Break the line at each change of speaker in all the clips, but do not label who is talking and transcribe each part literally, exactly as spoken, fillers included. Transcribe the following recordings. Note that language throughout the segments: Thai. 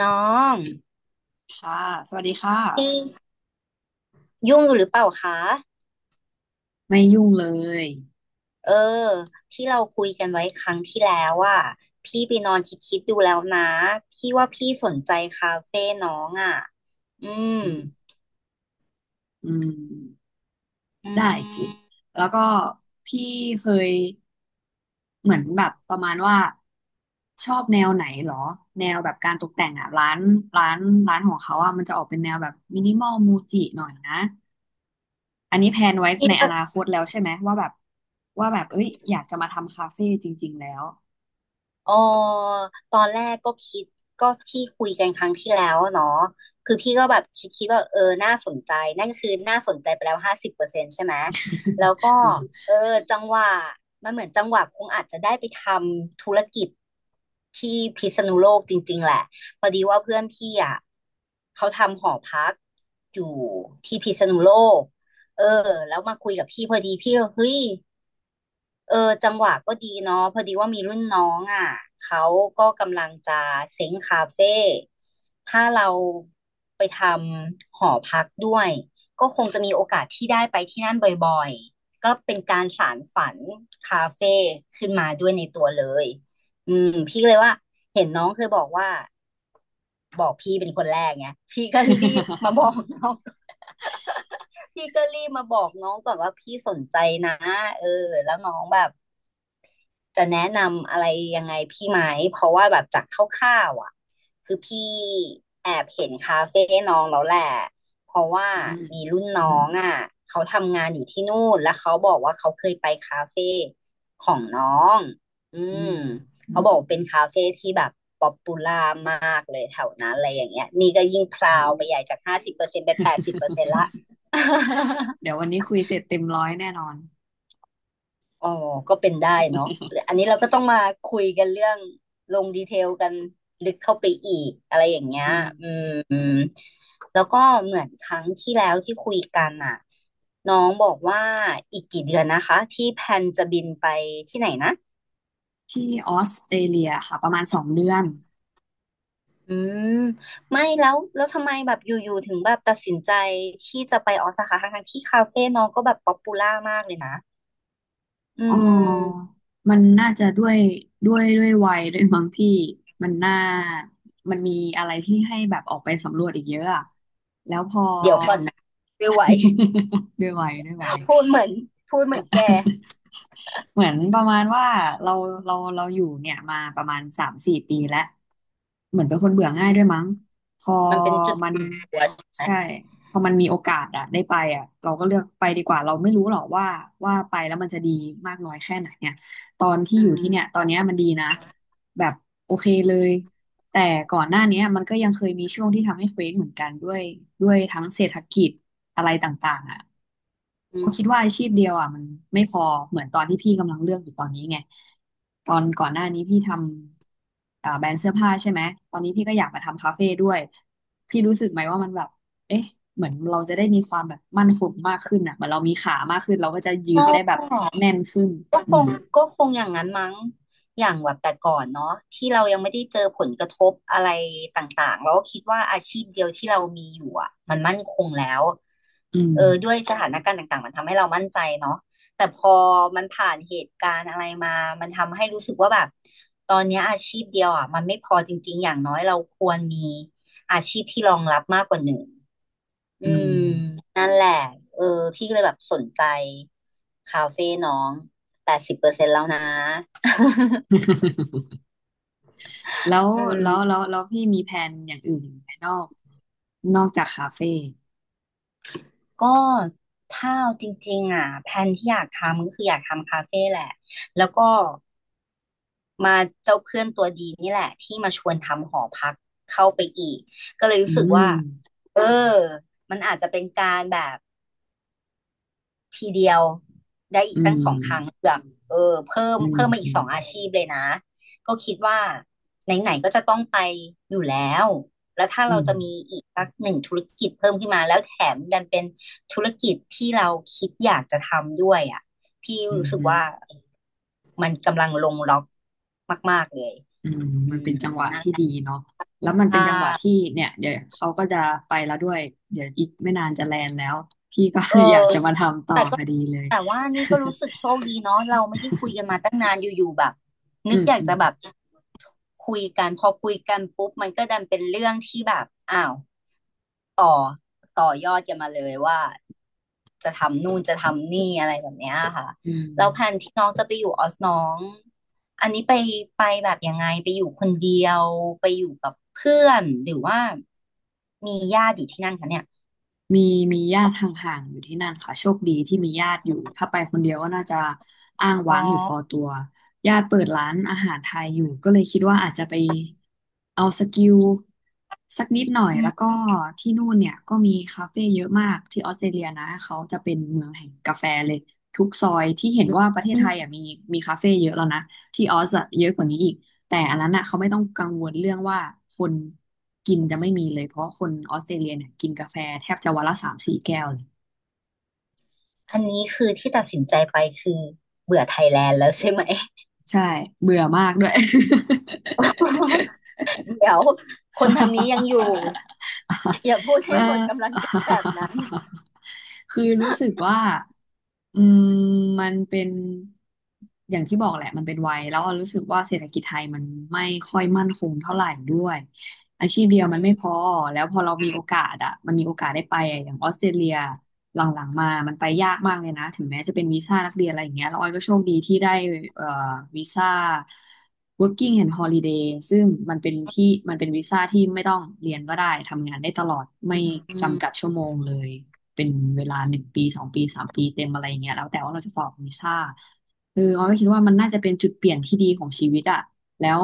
น้อง
ค่ะสวัสดีค่ะ
พี่ยุ่งอยู่หรือเปล่าคะ
ไม่ยุ่งเลย
เออที่เราคุยกันไว้ครั้งที่แล้วอ่ะพี่ไปนอนคิดคิดดูแล้วนะพี่ว่าพี่สนใจคาเฟ่น้องอ่ะ อืม
อืมอืม
อื
ได้สิ
ม
แล้วก็พี่เคยเหมือนแบบประมาณว่าชอบแนวไหนเหรอแนวแบบการตกแต่งอ่ะร้านร้านร้านของเขาอ่ะมันจะออกเป็นแนวแบบมินิมอลมูจิหน่อยนะอันนี้แพลนไว้
พี่
ในอนาคตแล้วใช่ไหมว่าแบบว่าแบบเอ้ยอยากจะมาทำคาเฟ่จริงๆแล้ว
เออตอนแรกก็คิดก็ที่คุยกันครั้งที่แล้วเนาะคือพี่ก็แบบคิดคิดว่าเออน่าสนใจนั่นก็คือน่าสนใจไปแล้วห้าสิบเปอร์เซ็นต์ใช่ไหมแล้วก็ เออจังหวะมันเหมือนจังหวะคงอาจจะได้ไปทำธุรกิจที่พิษณุโลกจริงๆแหละพอดีว่าเพื่อนพี่อ่ะเขาทำหอพักอยู่ที่พิษณุโลกเออแล้วมาคุยกับพี่พอดีพี่ก็เฮ้ย เออจังหวะก็ดีเนาะพอดีว่ามีรุ่นน้องอ่ะเขาก็กำลังจะเซ้งคาเฟ่ถ้าเราไปทำหอพักด้วยก็คงจะมีโอกาสที่ได้ไปที่นั่นบ่อยๆก็เป็นการสานฝันคาเฟ่ขึ้นมาด้วยในตัวเลยอืมพี่ก็เลยว่าเห็นน้องเคยบอกว่าบอกพี่เป็นคนแรกไงพี่ก็รีบมาบอกน้อง พี่ก็รีบมาบอกน้องก่อนว่าพี่สนใจนะเออแล้วน้องแบบ จะแนะนำอะไรยังไงพี่ไหมเพราะว่าแบบจากคร่าวๆอ่ะคือพี่แอบเห็นคาเฟ่น้องแล้วแหละเพราะว่า
อืม
มีรุ่นน้องอ่ะเขาทำงานอยู่ที่นู่นแล้วเขาบอกว่าเขาเคยไปคาเฟ่ของน้องอื
อืม
ม
อืม
เขาบอกว่าเป็นคาเฟ่ที่แบบป๊อปปูล่ามากเลยแถวนั้นอะไรอย่างเงี้ยนี่ก็ยิ่งพ
โอ้
ราวไปใหญ่จากห้าสิบเปอร์เซ็นต์ไปนแปดสิบเปอร์เซ็นต์ละ
เดี๋ยววันนี้คุยเสร็จเต็มร้อยแน่นอน
อ๋อก็เป็นได้เนาะอันนี้เราก็ต้องมาคุยกันเรื่องลงดีเทลกันลึกเข้าไปอีกอะไรอย่างเงี้ย
อืม
อืมอืมแล้วก็เหมือนครั้งที่แล้วที่คุยกันอ่ะน้องบอกว่าอีกกี่เดือนนะคะที่แพลนจะบินไปที่ไหนนะ
ที่ออสเตรเลียค่ะประมาณสองเดือน
อืม ไม่แล้ว แล้วทำไมแบบอยู่ๆถึงแบบตัดสินใจที่จะไปออสคาทั้งทั้งๆที่คาเฟ่น้องก็แบบป๊อปปูล่ามากเลยนะ อื
อ๋อ
ม
มันน่าจะด้วยด้วยด้วยวัยด้วยมั้งพี่มันน่ามันมีอะไรที่ให้แบบออกไปสำรวจอีกเยอะอะแล้วพอ
เดี๋ยวก่อนนะดูไว้
ด้วยวัยด้วยวัย
พูดเหมือนพูดเหมือนแก
เหมือนประมาณว่าเราเราเราอยู่เนี่ยมาประมาณสามสี่ปีแล้วเหมือนเป็นคนเบื่อง่ายด้วยมั้งพอ
มันเป็นจุด
มัน
หัวใช่ไหม
ใช่พอมันมีโอกาสอะได้ไปอะเราก็เลือกไปดีกว่าเราไม่รู้หรอกว่าว่าไปแล้วมันจะดีมากน้อยแค่ไหนเนี่ยตอนที่
อื
อยู่
ม
ที่เนี่ยตอนเนี้ยมันดีนะแบบโอเคเลย แต่ก่อนหน้าเนี้ยมันก็ยังเคยมีช่วงที่ทำให้เฟ้งเหมือนกันด้วยด้วยทั้งเศรษฐกิจอะไรต่างๆอ่ะ
อื
เขาคิดว่า
ม
อาชีพเดียวอ่ะมันไม่พอเหมือนตอนที่พี่กำลังเลือกอยู่ตอนนี้ไงตอนก่อนหน้านี้พี่ทำอ่าแบรนด์เสื้อผ้าใช่ไหมตอนนี้พี่ก็อยากมาทำคาเฟ่ด้วยพี่รู้สึกไหมว่ามันแบบเอ๊ะเหมือนเราจะได้มีความแบบมั่นคงมากขึ้นอ่ะเหมือนเรามีขามากขึ้นเราก็จะยืน
ก็
ได้แบบแน่นขึ้น
ก็
อื
ค
ม
งก็คงอย่างนั้นมั้งอย่างแบบแต่ก่อนเนาะที่เรายังไม่ได้เจอผลกระทบอะไรต่างๆเราก็คิดว่าอาชีพเดียวที่เรามีอยู่อ่ะมันมั่นคงแล้ว
อืม
เออด้วยสถานการณ์ต่างๆมันทำให้เรามั่นใจเนาะแต่พอมันผ่านเหตุการณ์อะไรมามันทำให้รู้สึกว่าแบบตอนเนี้ยอาชีพเดียวอ่ะมันไม่พอจริงๆอย่างน้อยเราควรมีอาชีพที่รองรับมากกว่าหนึ่ง อื
อืม
มนั่นแหละเออพี่ก็เลยแบบสนใจคาเฟ่น้องแปดสิบเปอร์เซ็นต์แล้วนะ
แล้วแล้วแล้วแล้วพี่มีแผนอย่างอื่นอีกไหมนอกนอกจากคาเฟ่
ก็ถ้าเอาจริงๆอ่ะแพลนที่อยากทำก็คืออยากทำคาเฟ่แหละแล้วก็มาเจ้าเพื่อนตัวดีนี่แหละที่มาชวนทำหอพักเข้าไปอีกก็เลย
อื
รู้สึกว่า
ม
เออมันอาจจะเป็นการแบบทีเดียว
อืม
เออเพิ่ม
อืม
เพิ่มมาอี
อื
ก
ม
สองอาชีพเลยนะก็คิดว่าไหนๆก็จะต้องไปอยู่แล้วแล้วถ้า
อื
เรา
ม
จะมีอีกสักหนึ่งธุรกิจเพิ่มขึ้นมาแล้วแถมดันเป็นธุรกิจที่เราคิดอยากจะทำด้วยอ่ะพี่
อืม
รู้สึก
ฮึ
ว่ามันกำลังลงล็อกมากๆเลย
อืม
อื
มัน
ม
เป็นจังหวะที่ดีเนาะแล้วมัน
อ่
เป็นจังหวะที่
า
เนี่ยเดี๋ยวเขาก็จะไปแล้วด้วย เดี๋ยวอีกไม่นานจะแลนด์แล้วพี่ก็
เอ
อยาก
อ
จะมาทำต่อ
แต่
พอดีเลย
แต่ว่านี่ก็รู้สึกโชคดีเนาะเราไม่ได้คุยกันมาตั้งนานอยู่ๆแบบ นึ
อื
ก
ม
อยาก
อื
จะ
ม
แบบคุยกันพอคุยกันปุ๊บมันก็ดันเป็นเรื่องที่แบบอ้าวต่อต่อยอดกันมาเลยว่าจะทำนู่นจะทำนี่อะไรแบบเนี้ยค่ะ
อื
แล้วแผน
ม
ที่น้องจะไปอยู่ออสน้องอันนี้ไปไปแบบยังไงไปอยู่คนเดียวไปอยู่กับเพื่อนหรือว่ามีญาติอยู่ที่นั่นคะเนี่ย
มีมีญาติห่างๆอยู่ที่นั่นค่ะโชคดีที่มีญาติอยู่ถ้าไปคนเดียวก็น่าจะอ้าง
อ๋อ
ว้างอยู่พอตัวญาติเปิดร้านอาหารไทยอยู่ก็เลยคิดว่าอาจจะไปเอาสกิลสักนิดหน่อย
อ
แล้วก็
ื
ที่นู่นเนี่ยก็มีคาเฟ่เยอะมากที่ออสเตรเลียนะเขาจะเป็นเมืองแห่งกาแฟเลยทุกซอยที่เห็นว่าประเทศไทย
ม
อ่ะมีมีคาเฟ่เยอะแล้วนะ ที่ออสอะเยอะกว่านี้อีก แต่อันนั้นอะเขาไม่ต้องกังวลเรื่องว่าคนกินจะไม่มีเลยเพราะคนออสเตรเลียเนี่ยกินกาแฟแทบจะวันละสามสี่แก้วเลย
อันนี้คือที่ตัดสินใจไปคือเบื่อไทยแลนด์แล้วใช่ไหม
ใช่เบื่อมากด้วย
เดี๋ยวคนทางนี้ยังอยู่อย่าพูด ให้
ว่า
หมดกำลังใจแบบนั้น
คือรู้สึกว่าอืมมันเป็นอย่างที่บอกแหละมันเป็นวัยแล้วรู้สึกว่าเศรษฐกิจไทยมันไม่ค่อยมั่นคงเท่าไหร่ด้วยอาชีพเดียว
อื
มันไม่
ม
พอแล้วพอเรามีโอกาสอะมันมีโอกาสได้ไปอะอย่างออสเตรเลีย หลังๆมา มันไปยากมากเลยนะ ถึงแม้จะเป็นวีซ่านักเรียนอะไรอย่างเงี้ยแล้วออยก็โชคดีที่ได้เอ่อวีซ่า working and holiday ซึ่งมันเป็นที่มันเป็นวีซ่าที่ไม่ต้องเรียนก็ได้ ทำงานได้ตลอด ไม่
อื
จำกัด
ม
ชั่วโมงเลย เป็นเวลาหนึ่งปีสองปีสามปีเต็มอะไรอย่างเงี้ยแล้ว แต่ว่าเราจะต่อวีซ่าเออออยก็คิดว่ามันน่าจะเป็นจุดเปลี่ยนที่ดีของชีวิตอะแล้ว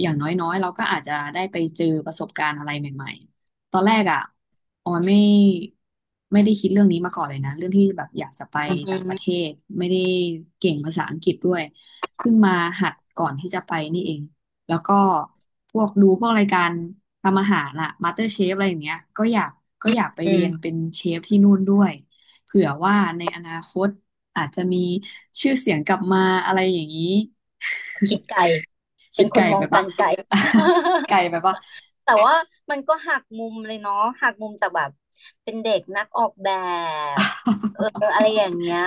อย่างน้อยๆเราก็อาจจะได้ไปเจอประสบการณ์อะไรใหม่ๆ ตอนแรกอ่ะออยไม่ไม่ได้คิดเรื่องนี้มาก่อนเลยนะเรื่องที่แบบอยากจะไป
อื
ต่าง
ม
ประเทศไม่ได้เก่งภาษาอังกฤษด้วยเพิ่งมาหัดก่อนที่จะไปนี่เองแล้วก็พวกดูพวกรายการทำอาหารอะมาสเตอร์เชฟอะไรอย่างเงี้ยก็อยากก็อยากไป
อื
เรียนเป็
ม
นเชฟที่นู่นด้วยเผื่อว่าในอนาคตอาจจะมีชื่อเสียงกลับมาอะไรอย่างนี้
คิดไกล
คิ
เป็น
ด
ค
ไกล
นมอ
ไป
งกา
ปะ
รไกล
ไกลไปปะ
แต่ว่ามันก็หักมุมเลยเนาะหักมุมจากแบบเป็นเด็กนักออกแบบเอออะไร อย่างเงี้ย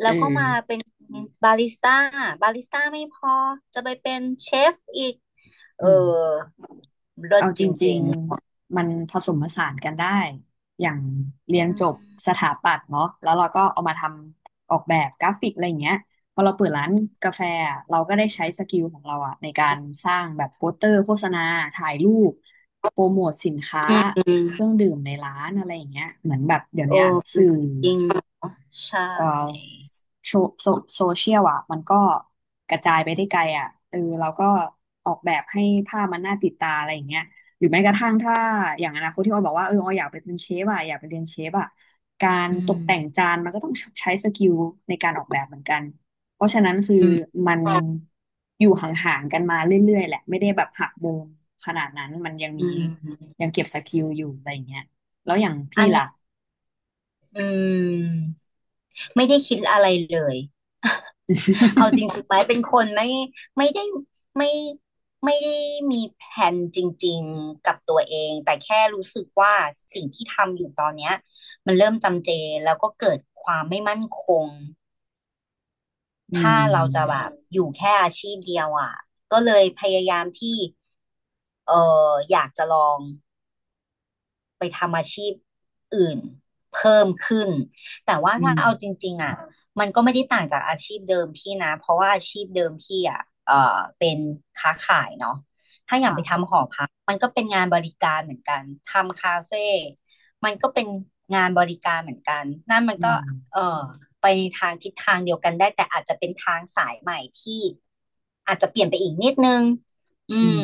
แล้
เอ
ว
อ
ก็มาเป็นบาริสต้าบาริสต้าไม่พอจะไปเป็นเชฟอีกเอ
อื
อ
ม
เลิศ
เอา
จ
จริ
ริ
ง
ง
ๆมันผสมผสานกันได้อย่างเรียน
อื
จ
ม
บสถาปัตย์เนาะแล้วเราก็เอามาทำออกแบบกราฟิกอะไรอย่างเงี้ยพอเราเปิดร้านกาแฟอะเราก็ได้ใช้สกิลของเราอะในการสร้างแบบโปสเตอร์โฆษณาถ่ายรูปโปรโมทสินค้า
อืมอืม
เครื่องดื่มในร้านอะไรอย่างเงี้ยเหมือนแบบเดี๋ยว
โอ้
เนี้ย
ม
สื่อ
จริงเหรอใช่
เอ่อโซโซโซเชียลอ่ะมันก็กระจายไปได้ไกลอ่ะเออเราก็ออกแบบให้ภาพมันน่าติดตาอะไรอย่างเงี้ยหรือแม้กระทั่งถ้าอย่างอนาคตที่อ้อยบอกว่าเอออ้อยอยากไปเป็นเชฟอ่ะอยากไปเรียนเชฟอ่ะการ
อื
ตก
ม
แต่งจานมันก็ต้องใช้สกิลในการออกแบบเหมือนกันเพราะฉะนั้นคือ
อืม
มันอยู่ห่างๆกันมาเรื่อยๆแหละไม่ได้แบบหักมุมขนาดนั้นมันยัง
อื
มี
ม
ยังเก็บสกิลอยู่อะไรอย่างเงี้ยแล้วอย่างพี่
อัน
ล่ะ
นี้อืมไม่ได้คิดอะไรเลย เอาจริงสุด ท้ายเป็นคนไม่ไม่ได้ ไม่ไม่ได้มีแผนจริงๆกับตัวเอง แต่แค่รู้สึกว่าสิ่งที่ทำอยู่ตอนเนี้ยมันเริ่มจำเจแล้วก็เกิดความไม่มั่นคง
อื
ถ้าเราจะแบ
ม
บอยู่แค่อาชีพเดียวอ่ะก็เลยพยายามที่เอออยากจะลอง ไปทำอาชีพอื่นเพิ่มขึ้นแต่ว่า
อื
ถ้าเอาจ
ม
ริงๆอ่ะมันก็ไม่ได้ต่างจากอาชีพเดิมพี่นะเพราะว่าอาชีพเดิมพี่อ่ะเออเป็นค้าขายเนาะถ้าอย่างไปทำห
ค่ะ
อพักมันก็เป็นงานบริการเหมือนกันทำคาเฟ่มันก็เป็นงานบริการเหมือนกันนั่นมัน
อื
ก็
ม
เออไปในทางทิศทางเดียวกันได้แต่อาจจะเป็นทางสายใหม่ที่อาจจะเปลี่ยนไปอีกนิดนึงอื
อื
ม
ม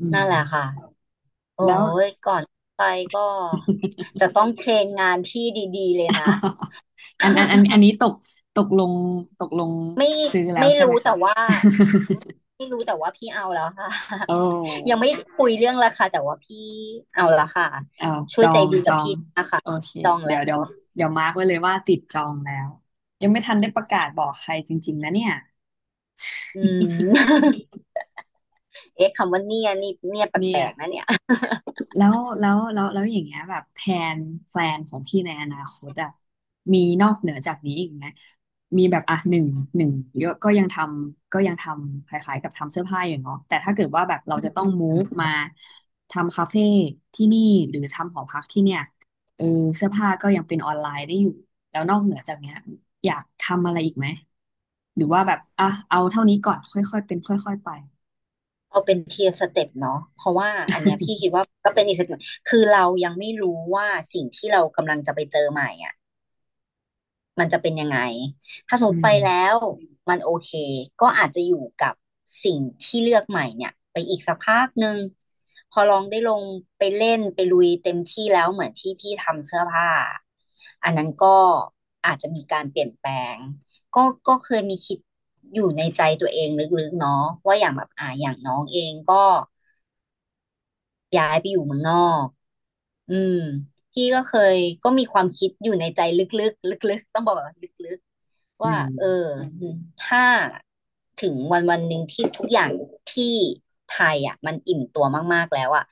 อืม
นั่นแหละค่ะ โอ้
แล้ว
ยก่อนไปก็ จะต้องเทรนงานพี่ดีๆเลยนะ
อันอันอันอันนี้ ตก ตกลง ตกลง
ไม่
ซื้อแล้ว
ไม่
ใช่ไหม
รู้
คะ
แต่ว่า ไม่รู้แต่ว่าพี่เอาแล้วค่ะ
โอ้
ยังไม่คุยเรื่องราคาแต่ว่าพี่เอาแล้วค่ะ
เอา
ช่
จ
วย
อ
ใจ
ง
ดี
จ
กับ
อง
พี่นะคะ
โอเค
จอง
เดี๋
แล้
ยว เดี๋ย
ว
วเดี๋ยวมาร์กไว้เลยว่าติดจองแล้ว ยังไม่ทันได้ประกาศบอกใครจริงๆนะเนี่ย
อื ม เอ๊ะคำว่าเนี่ยนี่เนี่ยแ
เนี่
ป
ย
ลกๆนะเนี่ย
แล้วแล้วแล้วแล้วอย่างเงี้ยแบบแผนแพลนของพี่ในอนาคตอะมีนอกเหนือจากนี้อีกไหมมีแบบอ่ะหนึ่งหนึ่งเยอะก็ยังทำก็ยังทำคล้ายๆกับทำเสื้อผ้าอยู่เนาะแต่ถ้าเกิดว่าแบบเราจะต้องมูฟมาทำคาเฟ่ที่นี่หรือทำหอพักที่เนี่ยเออเสื้อผ้าก็ยังเป็นออนไลน์ได้อยู่แล้วนอกเหนือจากเนี้ยอยากทำอะไรอีกไหมหรือว่าแบบอ่ะเอาเท่านี้ก่อนค่อยๆเป็นค่อยๆไป
เอาเป็นเทียร์สเต็ปเนาะเพราะว่าอันเนี้ยพี่คิดว่าก็เป็นอีกสเต็ปคือเรายังไม่รู้ว่าสิ่งที่เรากำลังจะไปเจอใหม่อ่ะ มันจะเป็นยังไง ถ้าสม ม
อื
ติไป
ม
แล้วมันโอเค ก็อาจจะอยู่กับสิ่งที่เลือกใหม่เนี่ยไปอีกสักพักหนึ่ง พอลองได้ลงไปเล่นไปลุยเต็มที่แล้วเหมือนที่พี่ทำเสื้อผ้า อันนั้นก็อาจจะมีการเปลี่ยนแปลง ก็ก็เคยมีคิดอยู่ในใจตัวเองลึกๆเนาะว่าอย่างแบบอ่าอย่างน้องเองก็ ย้ายไปอยู่เมืองนอก อืมพี่ก็เคยก็มีความคิดอยู่ในใจลึกๆลึกๆต้องบอกว่าลึกๆ
อื
ว่า
ม
เออถ้าถึงวันวันหนึ่งที่ทุกอย่างที่ไทยอ่ะมันอิ่มตัวมากๆแล้วอ่ะ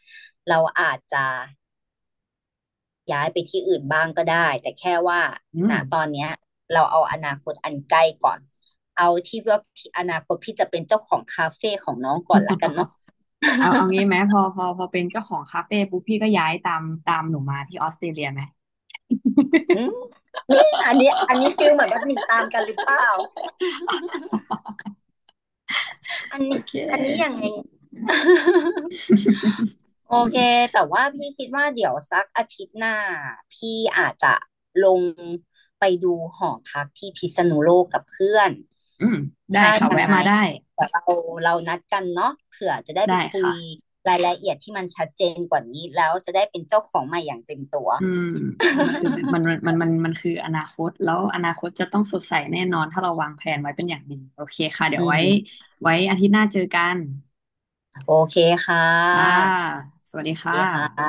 เราอาจจะย้ายไปที่อื่นบ้างก็ได้แต่แค่ว่า
อื
ณ
ม
ตอนเนี้ยเราเอาอนาคตอันใกล้ก่อนเอาที่ว่าพี่อนาคตพี่จะเป็นเจ้าของคาเฟ่ของน้องก่อนละกันเนาะ
เอา เอางี้ไหมพอพอพอเป็นเจ้าของคาเฟ่ปุ๊บพี่ก็ย้ายตามตามหนูมาที่ออสเตรเลียไหม
อืม อมอันนี้อันนี้ฟิลเหมือนแบบหนีตามกันหรือเปล่าอัน
โอ
นี้
เค
อันนี้อย่างไง โอเคแต่ว่าพี่คิดว่าเดี๋ยวสักอาทิตย์หน้าพี่อาจจะลงไปดูหอพักที่พิษณุโลกกับเพื่อน
อืมได้
ถ้า
ค่ะ
ยั
แวะ
งไง
มาได้
แต่เราเรานัดกันเนาะเผื่อจะได้ไป
ได้
คุย
ค่ะ
รายละเอียดที่มันชัดเจนกว่านี้แล้วจะได้เป็นเจ้าของใหม่อย่างเต็มตัว
อืมมันคือมันมันมันมันคืออนาคตแล้วอนาคตจะต้องสดใสแน่นอนถ้าเราวางแผนไว้เป็นอย่างดีโอเคค่ะ เดี๋ยว
อืม
ไว้ไว้อาทิตย์หน้าเจอกัน
โอเคค่
ค่ะ
ะ
สวัสดีค่ะ
ดีค่ะ